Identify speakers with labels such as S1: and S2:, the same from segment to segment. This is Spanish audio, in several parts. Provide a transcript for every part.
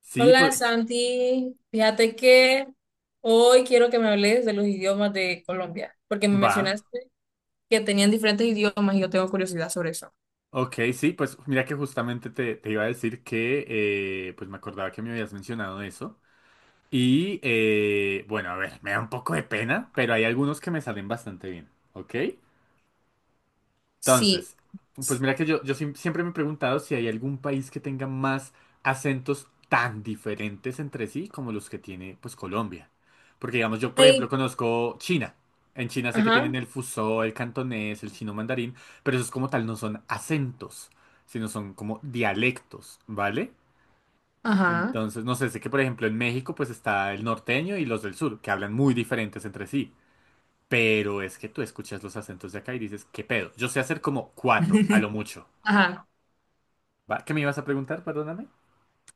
S1: Sí, pues
S2: Hola Santi, fíjate que hoy quiero que me hables de los idiomas de Colombia, porque me
S1: va.
S2: mencionaste que tenían diferentes idiomas y yo tengo curiosidad sobre eso.
S1: Ok, sí, pues mira que justamente te iba a decir que pues me acordaba que me habías mencionado eso. Y bueno, a ver, me da un poco de pena, pero hay algunos que me salen bastante bien. ¿Ok?
S2: Sí.
S1: Entonces, pues mira que siempre me he preguntado si hay algún país que tenga más acentos tan diferentes entre sí como los que tiene pues Colombia. Porque digamos, yo por ejemplo
S2: Hey.
S1: conozco China. En China sé que tienen
S2: Ajá,
S1: el fusó, el cantonés, el chino mandarín, pero esos como tal no son acentos, sino son como dialectos, ¿vale?
S2: ajá,
S1: Entonces, no sé, sé que por ejemplo en México pues está el norteño y los del sur, que hablan muy diferentes entre sí. Pero es que tú escuchas los acentos de acá y dices, ¿qué pedo? Yo sé hacer como cuatro, a lo mucho.
S2: ajá.
S1: ¿Va? ¿Qué me ibas a preguntar? Perdóname.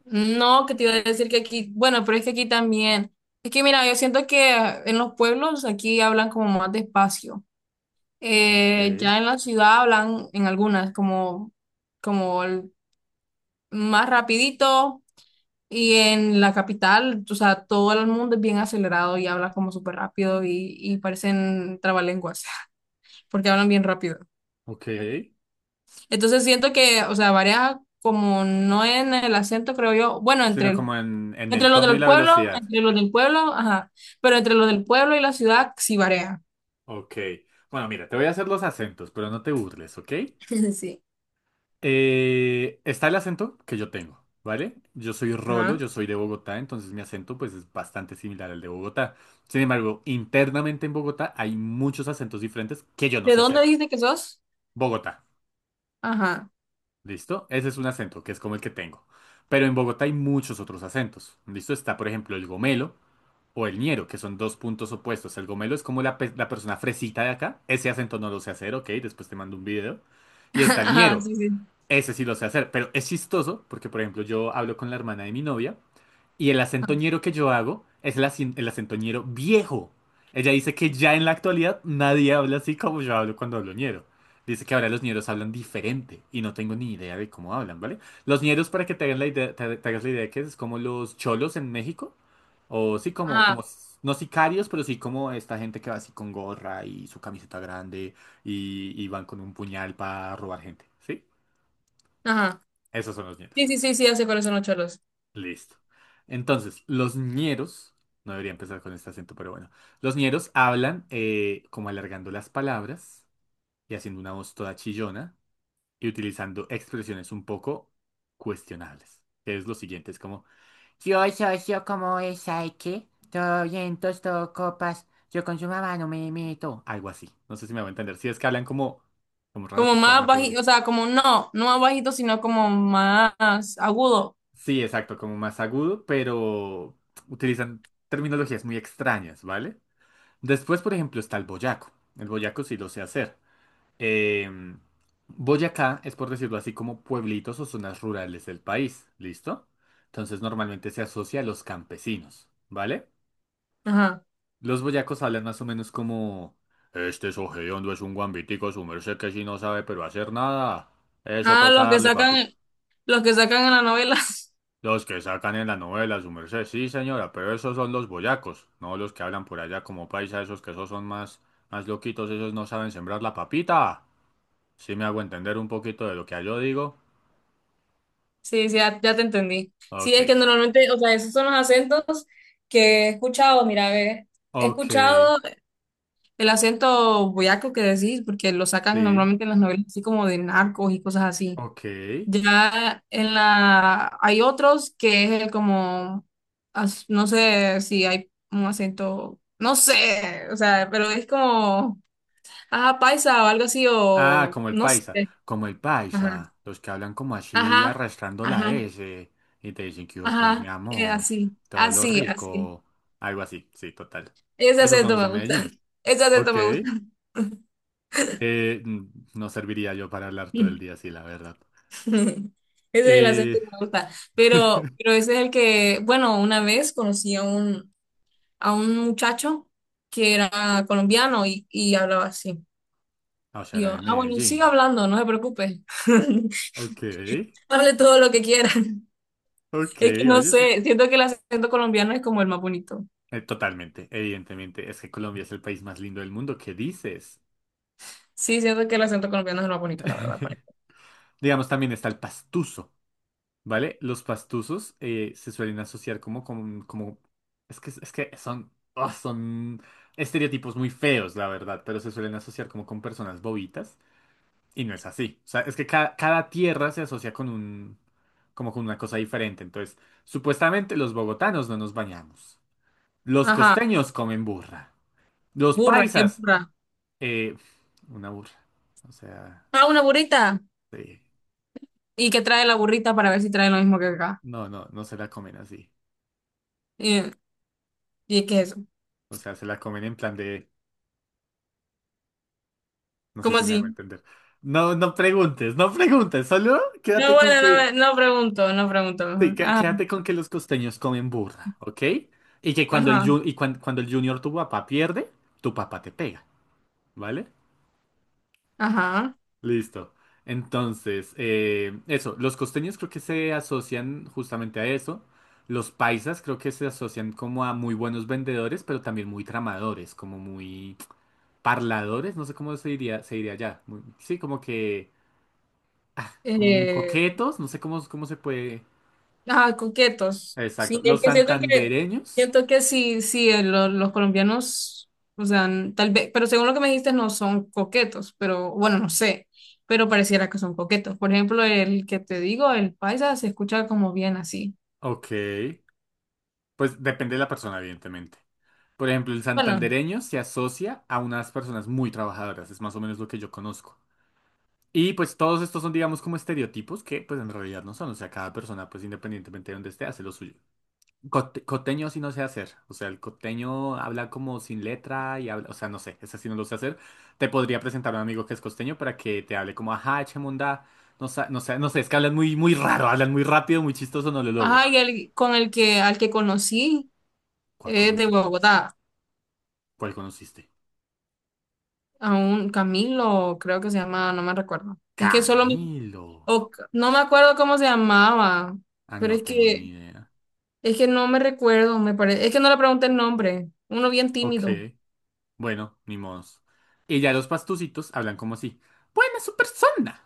S2: No, que te iba a decir que aquí, bueno, pero es que aquí también. Es que mira, yo siento que en los pueblos aquí hablan como más despacio.
S1: Ok,
S2: Ya en la ciudad hablan en algunas como, como el- más rapidito. Y en la capital, o sea, todo el mundo es bien acelerado y habla como súper rápido y parecen trabalenguas, porque hablan bien rápido.
S1: ok.
S2: Entonces siento que, o sea, varía como no en el acento, creo yo, bueno,
S1: Sino
S2: entre,
S1: como en el tono y la velocidad.
S2: entre los del pueblo, ajá, pero entre los del pueblo y la ciudad sí varía.
S1: Ok. Bueno, mira, te voy a hacer los acentos, pero no te burles, ¿ok?
S2: Sí.
S1: Está el acento que yo tengo, ¿vale? Yo soy Rolo,
S2: Ajá.
S1: yo soy de Bogotá, entonces mi acento pues es bastante similar al de Bogotá. Sin embargo, internamente en Bogotá hay muchos acentos diferentes que yo no
S2: ¿De
S1: sé
S2: dónde
S1: hacer.
S2: dijiste que sos?
S1: Bogotá.
S2: Ajá.
S1: ¿Listo? Ese es un acento, que es como el que tengo. Pero en Bogotá hay muchos otros acentos. ¿Listo? Está, por ejemplo, el gomelo o el ñero, que son dos puntos opuestos. El gomelo es como la persona fresita de acá. Ese acento no lo sé hacer, ok, después te mando un video. Y está el
S2: Ajá,
S1: ñero.
S2: sí, sí.
S1: Ese sí lo sé hacer. Pero es chistoso porque, por ejemplo, yo hablo con la hermana de mi novia y el acentoñero que yo hago es el acentoñero viejo. Ella dice que ya en la actualidad nadie habla así como yo hablo cuando hablo ñero. Dice que ahora los ñeros hablan diferente y no tengo ni idea de cómo hablan, ¿vale? Los ñeros, para que te hagan la idea, te hagas la idea de que es como los cholos en México. O sí,
S2: Ajá,
S1: no sicarios, pero sí como esta gente que va así con gorra y su camiseta grande y van con un puñal para robar gente, ¿sí?
S2: ajá.
S1: Esos son los
S2: Sí,
S1: ñeros.
S2: sí, sí, sí, ya, ¿sé cuáles son los cholos?
S1: Listo. Entonces, los ñeros, no debería empezar con este acento, pero bueno, los ñeros hablan como alargando las palabras y haciendo una voz toda chillona y utilizando expresiones un poco cuestionables. Que es lo siguiente, es como, yo como esa y que todo vientos, todo copas, yo con su mamá no me meto. Algo así. No sé si me va a entender. Si es que hablan como raro,
S2: Como
S1: por favor,
S2: más
S1: no te
S2: bajito, o
S1: preocupes.
S2: sea, como no, no más bajito, sino como más agudo.
S1: Sí, exacto, como más agudo, pero utilizan terminologías muy extrañas, ¿vale? Después, por ejemplo, está el boyaco. El boyaco sí lo sé hacer. Em, Boyacá es, por decirlo así, como pueblitos o zonas rurales del país, ¿listo? Entonces normalmente se asocia a los campesinos, ¿vale?
S2: Ajá.
S1: Los boyacos hablan más o menos como... Este ojediondo es un guambitico, su merced que si no sabe pero hacer nada. Eso
S2: Ah,
S1: toca darle, papita.
S2: los que sacan en las novelas.
S1: Los que sacan en la novela, su merced. Sí, señora, pero esos son los boyacos, no los que hablan por allá como paisa, esos que esos son más, más loquitos, esos no saben sembrar la papita. Sí me hago entender un poquito de lo que yo digo.
S2: Sí, sí, ya, ya te entendí. Sí,
S1: Ok,
S2: es que normalmente, o sea, esos son los acentos que he escuchado, mira, ve, he
S1: ok,
S2: escuchado el acento boyaco que decís, porque lo sacan
S1: sí,
S2: normalmente en las novelas, así como de narcos y cosas así.
S1: ok.
S2: Ya en la hay otros que es el como no sé si hay un acento, no sé, o sea, pero es como ajá, paisa o algo así
S1: Ah,
S2: o
S1: como el
S2: no
S1: paisa,
S2: sé.
S1: como el
S2: Ajá.
S1: paisa, los que hablan como así
S2: Ajá.
S1: arrastrando la
S2: Ajá.
S1: S y te dicen que yo, pues mi
S2: Ajá.
S1: amor,
S2: Así.
S1: todo lo
S2: Así, así.
S1: rico, algo así, sí, total.
S2: Ese
S1: Esos son
S2: acento
S1: los de
S2: me gusta.
S1: Medellín.
S2: Ese acento
S1: Ok.
S2: me gusta.
S1: Eh, n- no serviría yo para hablar todo el día así, la verdad.
S2: Ese es el acento
S1: Eh,
S2: que me gusta. Pero pero ese es el que, bueno, una vez conocí a un muchacho que era colombiano y hablaba así. Y
S1: Aushara
S2: yo,
S1: de
S2: ah, bueno, siga
S1: Medellín.
S2: hablando, no se preocupe.
S1: Ok,
S2: Hable todo lo que quiera.
S1: ok,
S2: Es que no
S1: oye, súper.
S2: sé, siento que el acento colombiano es como el más bonito.
S1: Totalmente, evidentemente. Es que Colombia es el país más lindo del mundo. ¿Qué dices?
S2: Sí, siento que el acento colombiano es el más bonito, la verdad. Por ejemplo.
S1: Digamos, también está el pastuso, ¿vale? Los pastusos se suelen asociar como... es que son, ah, son estereotipos muy feos, la verdad, pero se suelen asociar como con personas bobitas. Y no es así. O sea, es que cada tierra se asocia con un, como con una cosa diferente. Entonces, supuestamente los bogotanos no nos bañamos. Los
S2: Ajá,
S1: costeños comen burra. Los
S2: burra, qué
S1: paisas,
S2: burra.
S1: eh, una burra. O sea,
S2: Ah, una burrita.
S1: sí.
S2: ¿Y qué trae la burrita para ver si trae lo mismo que acá?
S1: No, no, no se la comen así.
S2: ¿Y, y qué es eso?
S1: O sea, se la comen en plan de, no sé
S2: ¿Cómo
S1: si me hago
S2: así?
S1: entender. No, no preguntes, no preguntes, solo
S2: No,
S1: quédate con
S2: bueno, no,
S1: que
S2: no pregunto, no pregunto.
S1: sí,
S2: Ajá,
S1: quédate con que los costeños comen burra, ¿ok? Y que cuando el,
S2: ajá,
S1: ju- y cuan- cuando el junior tu papá pierde, tu papá te pega, ¿vale?
S2: ajá.
S1: Listo. Entonces, eso, los costeños creo que se asocian justamente a eso. Los paisas creo que se asocian como a muy buenos vendedores, pero también muy tramadores, como muy parladores, no sé cómo se diría allá. Muy- sí, como que, como muy
S2: Eh,
S1: coquetos, no sé cómo se puede.
S2: Ah, coquetos.
S1: Exacto.
S2: Sí, es
S1: Los
S2: que siento que,
S1: santandereños,
S2: siento que sí, sí, los colombianos, o sea, tal vez, pero según lo que me dijiste, no son coquetos, pero bueno, no sé, pero pareciera que son coquetos. Por ejemplo, el que te digo, el paisa, se escucha como bien así.
S1: ok. Pues depende de la persona, evidentemente. Por ejemplo, el
S2: Bueno,
S1: santandereño se asocia a unas personas muy trabajadoras, es más o menos lo que yo conozco. Y pues todos estos son, digamos, como estereotipos que pues en realidad no son, o sea, cada persona pues independientemente de donde esté hace lo suyo. Coteño sí no sé hacer, o sea, el coteño habla como sin letra y habla, o sea, no sé, ese sí no lo sé hacer. Te podría presentar a un amigo que es costeño para que te hable como, ajá, chemunda, no sé, es que hablan muy raro, hablan muy rápido, muy chistoso, no lo logro.
S2: ajá, y el, con el que, al que conocí,
S1: ¿Cuál
S2: es de
S1: conocí?
S2: Bogotá,
S1: ¿Cuál conociste?
S2: a un Camilo, creo que se llama, no me recuerdo. Es que solo,
S1: Camelo.
S2: o, no me acuerdo cómo se llamaba,
S1: Ah,
S2: pero
S1: no
S2: es
S1: tengo ni
S2: que...
S1: idea.
S2: Es que no me recuerdo, me parece. Es que no le pregunté el nombre. Uno bien
S1: Ok,
S2: tímido.
S1: bueno, ni modos. Y ya los pastucitos hablan como así. Buena su persona.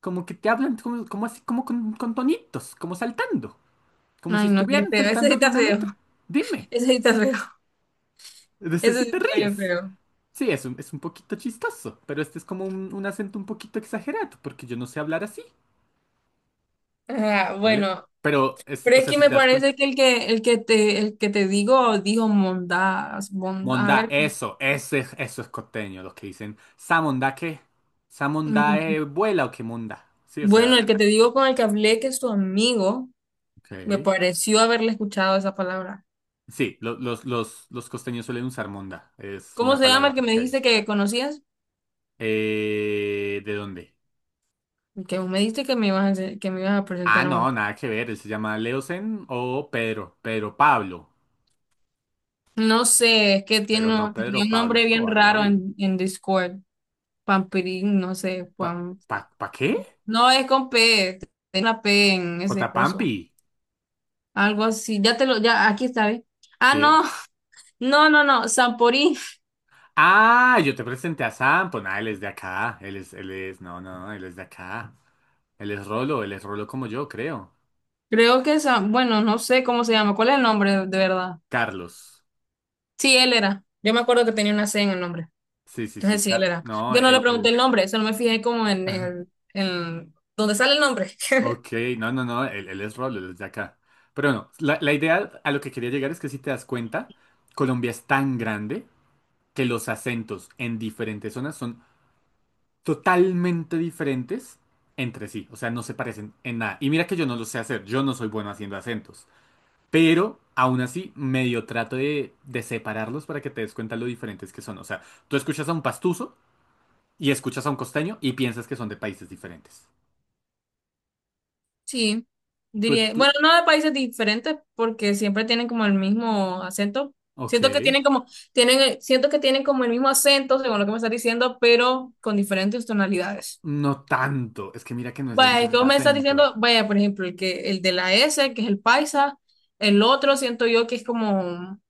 S1: Como que te hablan como así, como con tonitos, como saltando. Como si
S2: Ay, no, qué
S1: estuvieran
S2: feo. Ese sí
S1: saltando de
S2: está
S1: una
S2: feo.
S1: letra. Dime,
S2: Ese sí está feo.
S1: de ese
S2: Ese
S1: sí
S2: sí
S1: te
S2: está bien
S1: ríes.
S2: feo.
S1: Sí, es un poquito chistoso, pero este es como un acento un poquito exagerado, porque yo no sé hablar así,
S2: Ah,
S1: ¿vale?
S2: bueno,
S1: Pero, es,
S2: pero
S1: o
S2: es
S1: sea,
S2: que
S1: si
S2: me
S1: te das cuenta.
S2: parece que el que el que te digo dijo Mondas, Mondas. A
S1: Mondá,
S2: ver.
S1: eso, ese, eso es costeño, los que dicen, ¿sa mondá qué? ¿Sa mondá
S2: Mm.
S1: vuela o qué mondá? Sí, o
S2: Bueno,
S1: sea,
S2: el que te digo con el que hablé que es tu amigo, me
S1: ok.
S2: pareció haberle escuchado esa palabra.
S1: Sí, los, los costeños suelen usar mondá, es
S2: ¿Cómo
S1: una
S2: se llama
S1: palabra
S2: el que me
S1: típica de
S2: dijiste
S1: ellos.
S2: que conocías?
S1: ¿De dónde?
S2: Que vos me dijiste que me ibas a, que me ibas a
S1: Ah,
S2: presentar a
S1: no,
S2: uno.
S1: nada que ver, él se llama Leosen o Pedro, Pedro Pablo,
S2: No sé, es que
S1: pero no
S2: tiene
S1: Pedro
S2: un
S1: Pablo
S2: nombre bien
S1: Escobar
S2: raro
S1: Gaviria.
S2: en Discord. Pampirín, no sé,
S1: ¿Pa,
S2: Juan.
S1: ¿pa qué?
S2: No es con P, es una P en
S1: J.
S2: ese coso.
S1: Pampi,
S2: Algo así. Ya te lo, ya, aquí está, ¿ves? Ah,
S1: ¿qué?
S2: no, no, no, no, Samporín.
S1: Ah, yo te presenté a Sam, pues nada, él es de acá, él es, no, no, él es de acá, él es Rolo como yo, creo.
S2: Creo que es bueno, no sé cómo se llama. ¿Cuál es el nombre de verdad?
S1: Carlos,
S2: Sí, él era. Yo me acuerdo que tenía una C en el nombre.
S1: sí, sí, sí,
S2: Entonces sí, él era. Yo no le pregunté
S1: Él,
S2: el nombre, solo me fijé como en el, en donde sale el nombre.
S1: ok, no, él es Rolo, él es de acá. Pero no, la idea a lo que quería llegar es que si te das cuenta, Colombia es tan grande que los acentos en diferentes zonas son totalmente diferentes entre sí, o sea, no se parecen en nada. Y mira que yo no lo sé hacer, yo no soy bueno haciendo acentos. Pero aún así, medio trato de separarlos para que te des cuenta lo diferentes que son. O sea, tú escuchas a un pastuso y escuchas a un costeño y piensas que son de países diferentes.
S2: Sí,
S1: Tú,
S2: diría,
S1: tú-
S2: bueno, no de países diferentes porque siempre tienen como el mismo acento.
S1: ok.
S2: Siento que tienen como, tienen, siento que tienen como el mismo acento, según lo que me estás diciendo, pero con diferentes tonalidades.
S1: No tanto. Es que mira que no es el
S2: Vaya, es que
S1: mismo
S2: vos me estás diciendo,
S1: acento.
S2: vaya, por ejemplo, el que, el de la S, que es el paisa, el otro siento yo que es como,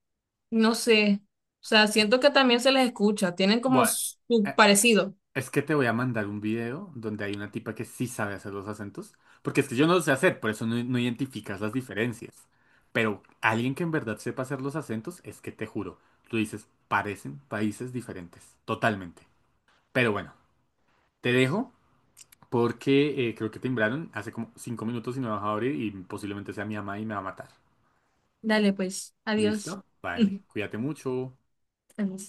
S2: no sé, o sea, siento que también se les escucha, tienen como
S1: Bueno,
S2: su
S1: eh,
S2: parecido.
S1: es que te voy a mandar un video donde hay una tipa que sí sabe hacer los acentos. Porque es que yo no lo sé hacer, por eso no, no identificas las diferencias. Pero alguien que en verdad sepa hacer los acentos, es que te juro, tú dices, parecen países diferentes. Totalmente. Pero bueno, te dejo porque creo que timbraron hace como 5 minutos y no he bajado a abrir y posiblemente sea mi mamá y me va a matar.
S2: Dale, pues, adiós.
S1: ¿Listo? Vale, cuídate mucho.
S2: Adiós.